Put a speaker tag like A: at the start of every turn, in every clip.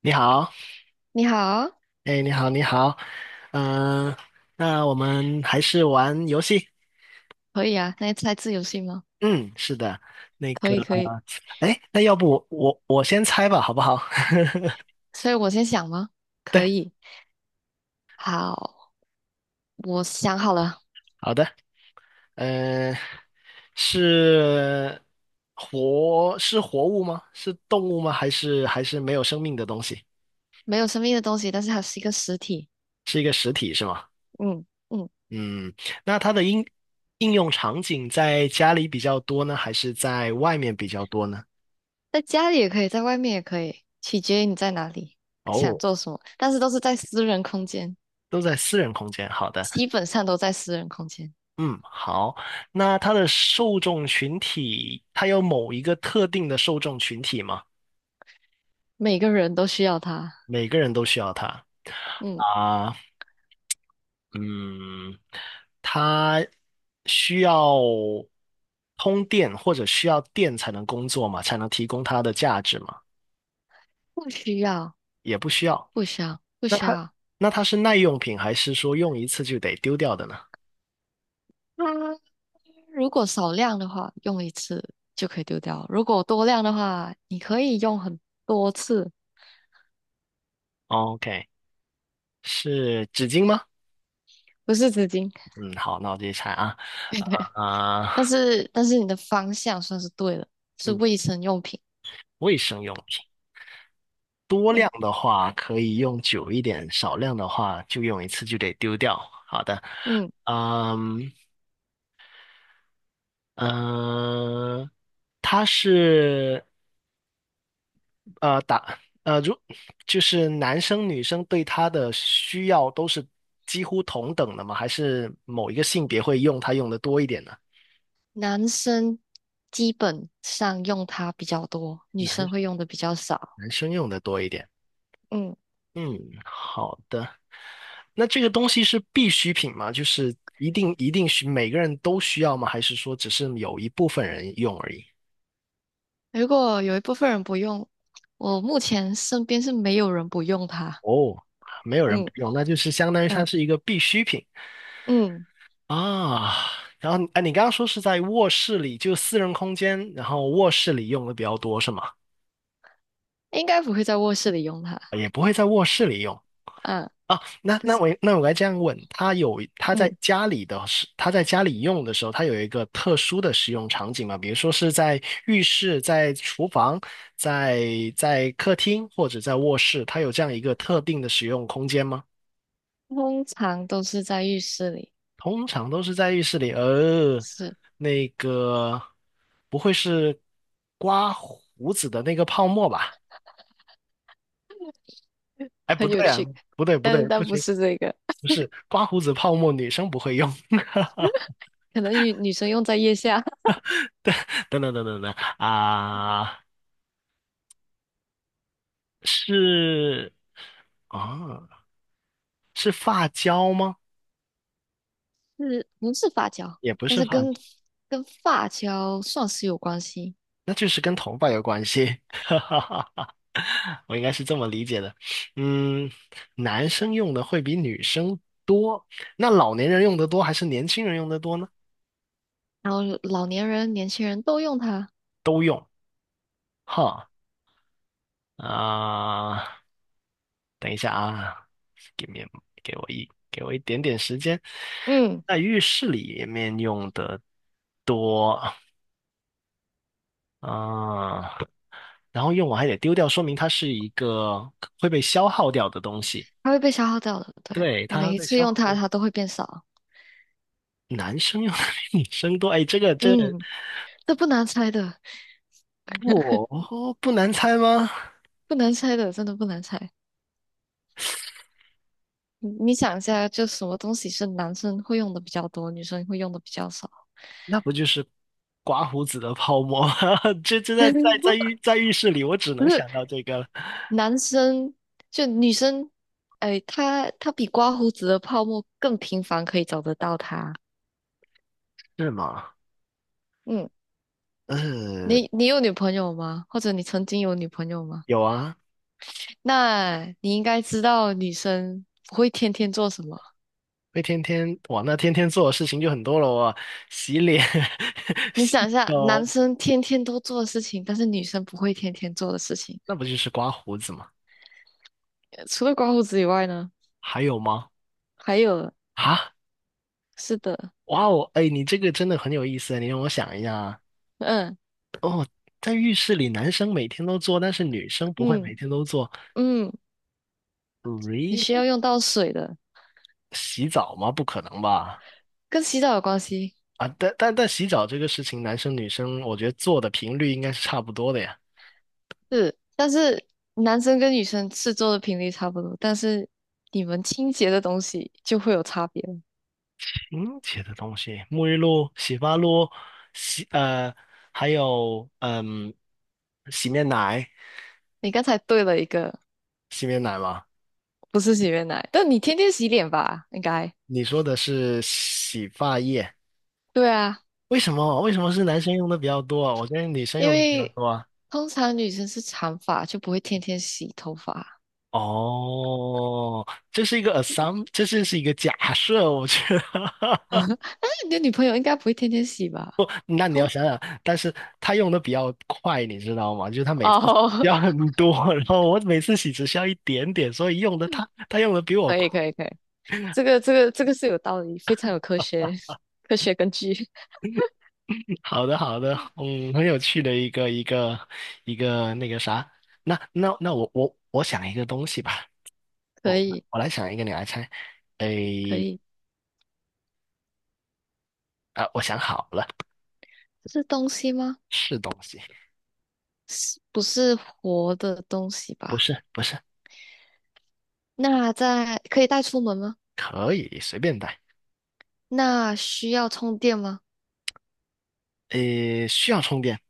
A: 你好，
B: 你好，
A: 哎，你好，你好，嗯、那我们还是玩游戏。
B: 可以啊，那猜字游戏吗？
A: 嗯，是的，那
B: 可
A: 个，
B: 以，可以。
A: 哎，那要不我先猜吧，好不好？
B: 所以我先想吗？
A: 对，
B: 可以。好，我想好了，
A: 好的，嗯、是是活物吗？是动物吗？还是没有生命的东西？
B: 没有生命的东西，但是它是一个实体。
A: 是一个实体是吗？
B: 嗯嗯，
A: 嗯，那它的应用场景在家里比较多呢，还是在外面比较多呢？
B: 在家里也可以，在外面也可以，取决于你在哪里，想
A: 哦，
B: 做什么，但是都是在私人空间，
A: 都在私人空间。好的。
B: 基本上都在私人空间，
A: 嗯，好。那它的受众群体，它有某一个特定的受众群体吗？
B: 每个人都需要它。
A: 每个人都需要它
B: 嗯，
A: 啊。嗯，它需要通电或者需要电才能工作嘛，才能提供它的价值嘛？
B: 不需要，
A: 也不需要。
B: 不需要，不
A: 那
B: 需
A: 它
B: 要。
A: 那它是耐用品，还是说用一次就得丢掉的呢
B: 它如果少量的话，用一次就可以丢掉；如果多量的话，你可以用很多次，
A: ？OK，是纸巾吗？
B: 不是纸巾。
A: 嗯，好，那我继续猜啊。啊、
B: 但是，你的方向算是对了，是
A: 嗯，
B: 卫生用品。
A: 卫生用品。多量
B: 嗯
A: 的话可以用久一点，少量的话就用一次就得丢掉。好的，
B: 嗯，
A: 嗯嗯，他是呃打呃如就是男生女生对他的需要都是几乎同等的吗？还是某一个性别会用它用的多一点呢？
B: 男生基本上用它比较多，女生会用的比较少。
A: 男生用的多一点。
B: 嗯，
A: 嗯，好的。那这个东西是必需品吗？就是一定每个人都需要吗？还是说只是有一部分人用而已？
B: 如果有一部分人不用，我目前身边是没有人不用它。
A: 不，没有人不
B: 嗯
A: 用，那就是相当于它
B: 嗯
A: 是一个必需品
B: 嗯，
A: 啊。然后，哎，你刚刚说是在卧室里，就私人空间，然后卧室里用的比较多是吗？
B: 应该不会在卧室里用它。
A: 也不会在卧室里用。
B: 嗯。
A: 啊，那
B: 但
A: 那
B: 是
A: 我那我该这样问，他有他在
B: 嗯
A: 家里的时，它在家里用的时候，他有一个特殊的使用场景吗？比如说是在浴室、在厨房、在在客厅或者在卧室，他有这样一个特定的使用空间吗？
B: 通常都是在浴室里，
A: 通常都是在浴室里，
B: 是
A: 那个不会是刮胡子的那个泡沫吧？哎，不
B: 很有
A: 对啊，
B: 趣，
A: 不对不
B: 但是
A: 对，不
B: 不
A: 行，
B: 是这个，
A: 不是刮胡子泡沫，女生不会用。
B: 可能女生用在腋下，
A: 等等等等等啊，是啊，是发胶吗？
B: 是不是发胶？
A: 也不
B: 但
A: 是
B: 是
A: 发，
B: 跟发胶算是有关系，
A: 那就是跟头发有关系。哈哈哈，我应该是这么理解的。嗯，男生用的会比女生多，那老年人用的多还是年轻人用的多呢？
B: 然后老年人、年轻人都用它，
A: 都用。哈啊，等一下啊给 i 给我一点点时间，
B: 嗯，
A: 在浴室里面用的多。啊，然后用完还得丢掉，说明它是一个会被消耗掉的东西。
B: 它会被消耗掉的，对，
A: 对，
B: 你
A: 它
B: 每
A: 会
B: 一
A: 被
B: 次
A: 消
B: 用
A: 耗。
B: 它，它都会变少，
A: 男生用的比女生多，哎，这个
B: 嗯，这不难猜的，
A: 不难猜吗？
B: 不难猜的，真的不难猜。你想一下，就什么东西是男生会用的比较多，女生会用的比较少？
A: 那不就是刮胡子的泡沫吗？这在 在浴室里，我只
B: 不
A: 能
B: 是
A: 想到这个了，
B: 男生就女生，哎，她比刮胡子的泡沫更频繁，可以找得到她。
A: 是吗？
B: 嗯，
A: 嗯，
B: 你有女朋友吗？或者你曾经有女朋友吗？
A: 有啊，
B: 那你应该知道女生不会天天做什么。
A: 会天天哇，那天天做的事情就很多了哦，洗脸、
B: 你
A: 洗
B: 想一下，
A: 手，
B: 男生天天都做的事情，但是女生不会天天做的事情，
A: 那不就是刮胡子吗？
B: 除了刮胡子以外呢，
A: 还有吗？
B: 还有，
A: 啊？
B: 是的，
A: 哇哦，哎，你这个真的很有意思，你让我想一下啊，
B: 嗯
A: 在浴室里男生每天都做，但是女生不会
B: 嗯
A: 每天都做
B: 嗯，你需要
A: ，really？
B: 用到水的，
A: 洗澡吗？不可能吧？
B: 跟洗澡有关系。
A: 啊，但洗澡这个事情，男生女生我觉得做的频率应该是差不多的呀。
B: 是，但是男生跟女生吃做的频率差不多，但是你们清洁的东西就会有差别了。
A: 清洁的东西，沐浴露、洗发露、洗呃，还有洗面奶，
B: 你刚才对了一个，
A: 洗面奶吗？
B: 不是洗面奶，但你天天洗脸吧？应该。
A: 你说的是洗发液，
B: 对啊，
A: 为什么？为什么是男生用的比较多啊？我觉得女生
B: 因
A: 用的比较
B: 为
A: 多啊。
B: 通常女生是长发，就不会天天洗头发。
A: 哦，这是一个假设，我觉得。
B: 那你的女朋友应该不会天天洗吧？
A: 那你要
B: 通
A: 想想，但是他用的比较快，你知道吗？就是他每次
B: 哦，
A: 要很多，然后我每次洗只需要一点点，所以用的他用的比 我
B: 可
A: 快。
B: 以可以可以，这个这个是有道理，非常有科学根据，
A: 好的，好的，很有趣的一个那个啥。那我想一个东西吧，
B: 可
A: 我
B: 以
A: 我来想一个，你来猜。
B: 可
A: 诶，
B: 以，
A: 啊，我想好了，
B: 是东西吗？
A: 是东西，
B: 是不是活的东西
A: 不
B: 吧？
A: 是不是，
B: 那在可以带出门吗？
A: 可以随便带。
B: 那需要充电吗？
A: 诶，需要充电，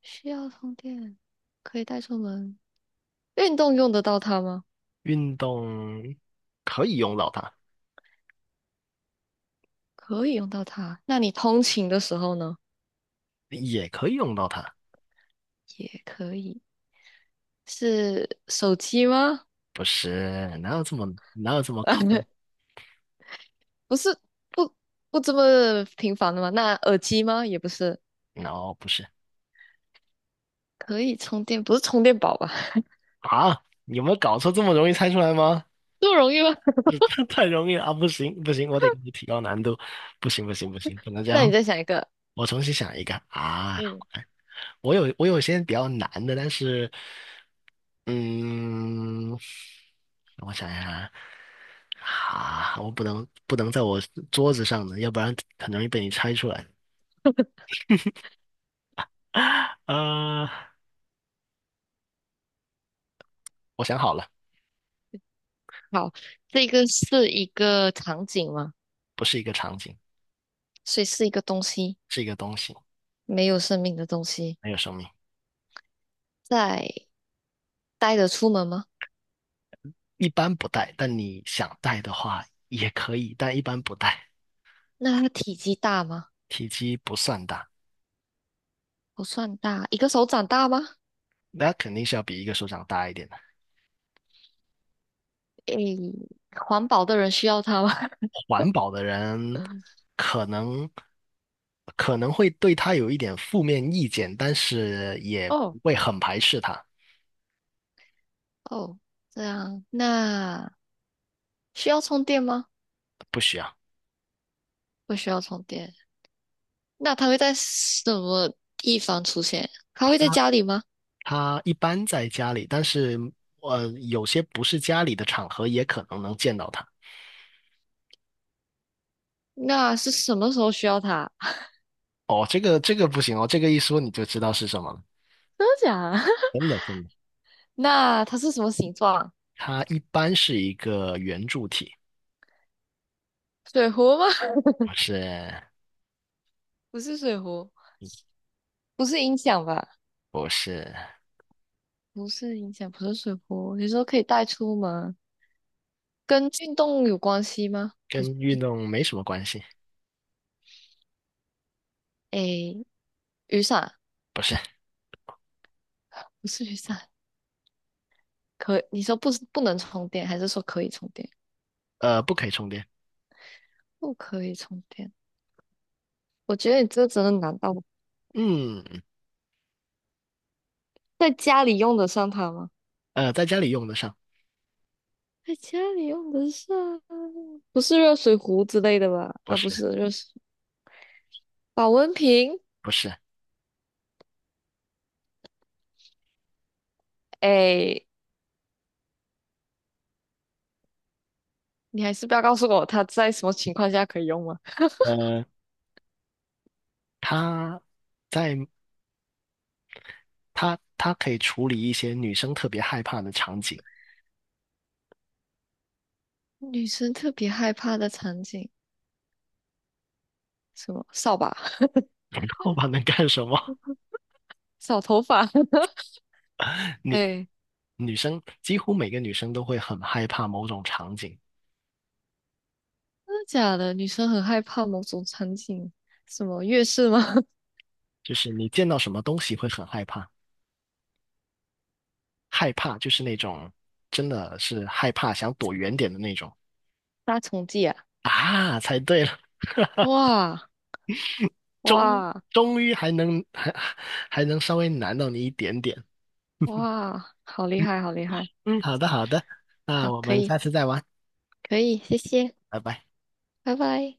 B: 需要充电，可以带出门。运动用得到它吗？
A: 运动可以用到它，
B: 可以用到它。那你通勤的时候呢？
A: 也可以用到它，
B: 也可以。是手机吗？
A: 不是？哪有这么坑
B: 不是，不不这么频繁的吗？那耳机吗？也不是。
A: ？no，不是
B: 可以充电，不是充电宝吧？
A: 啊？有没有搞错？这么容易猜出来吗？
B: 这么容易吗？
A: 太容易了啊！不行不行，我得给你提高难度，不行不行不行，不能 这
B: 那你
A: 样。
B: 再想一个。
A: 我重新想一个啊！
B: 嗯，
A: 我有些比较难的，但是嗯，我想一下，啊，我不能在我桌子上的，要不然很容易被你猜出来。呃，我想好了，
B: 好，这个是一个场景吗？
A: 不是一个场景，
B: 所以是一个东西，
A: 是一个东西，
B: 没有生命的东西。
A: 没有生命，
B: 在带着出门吗？
A: 一般不带，但你想带的话也可以，但一般不带，
B: 那它体积大吗？
A: 体积不算大，
B: 不算大，一个手掌大吗？
A: 那肯定是要比一个手掌大一点的。
B: 诶，环保的人需要它吗？
A: 环保的人 可能可能会对他有一点负面意见，但是也
B: 哦，
A: 不会很排斥他，
B: 哦，这样，那需要充电吗？
A: 不需要。
B: 不需要充电。那它会在什么地方出现？它会在家里吗？
A: 他一般在家里，但是有些不是家里的场合也可能能见到他。
B: 那是什么时候需要它？
A: 哦，这个不行哦，这个一说你就知道是什么了。
B: 真的假的？
A: 真的真的，
B: 那它是什么形状？
A: 它一般是一个圆柱体，
B: 水壶吗？
A: 不是
B: 不是水壶，不是音响吧？
A: 不是
B: 不是影响不是水壶，你说可以带出门，跟运动有关系吗？不，
A: 跟
B: 不
A: 运动没什么关系，
B: 诶，雨伞
A: 不是
B: 不是雨伞，可你说不是不能充电，还是说可以充电？
A: 不可以充电。
B: 不可以充电，我觉得你这个真的难到我
A: 嗯，
B: 在家里用得上它吗？
A: 在家里用得上。
B: 在家里用得上，不是热水壶之类的吧？
A: 不
B: 啊，不
A: 是
B: 是热水，保温瓶。
A: 不是，
B: 诶，你还是不要告诉我它在什么情况下可以用吗？
A: 呃，他在他他可以处理一些女生特别害怕的场景。
B: 女生特别害怕的场景，什么扫把、
A: 后怕能干什么？
B: 扫头发。
A: 女
B: 哎、
A: 女生几乎每个女生都会很害怕某种场景，
B: 真的假的？女生很害怕某种场景，什么月事吗？
A: 就是你见到什么东西会很害怕，害怕就是那种真的是害怕想躲远点的那种
B: 杀虫剂啊，
A: 啊，猜对了，
B: 哇
A: 终
B: 哇
A: 终于还能稍微难到你一点点。
B: 哇！好厉害，好厉害，
A: 嗯，好的好的，那
B: 好，
A: 我
B: 可
A: 们
B: 以，
A: 下次再玩，
B: 可以，谢谢，
A: 拜拜。
B: 拜拜。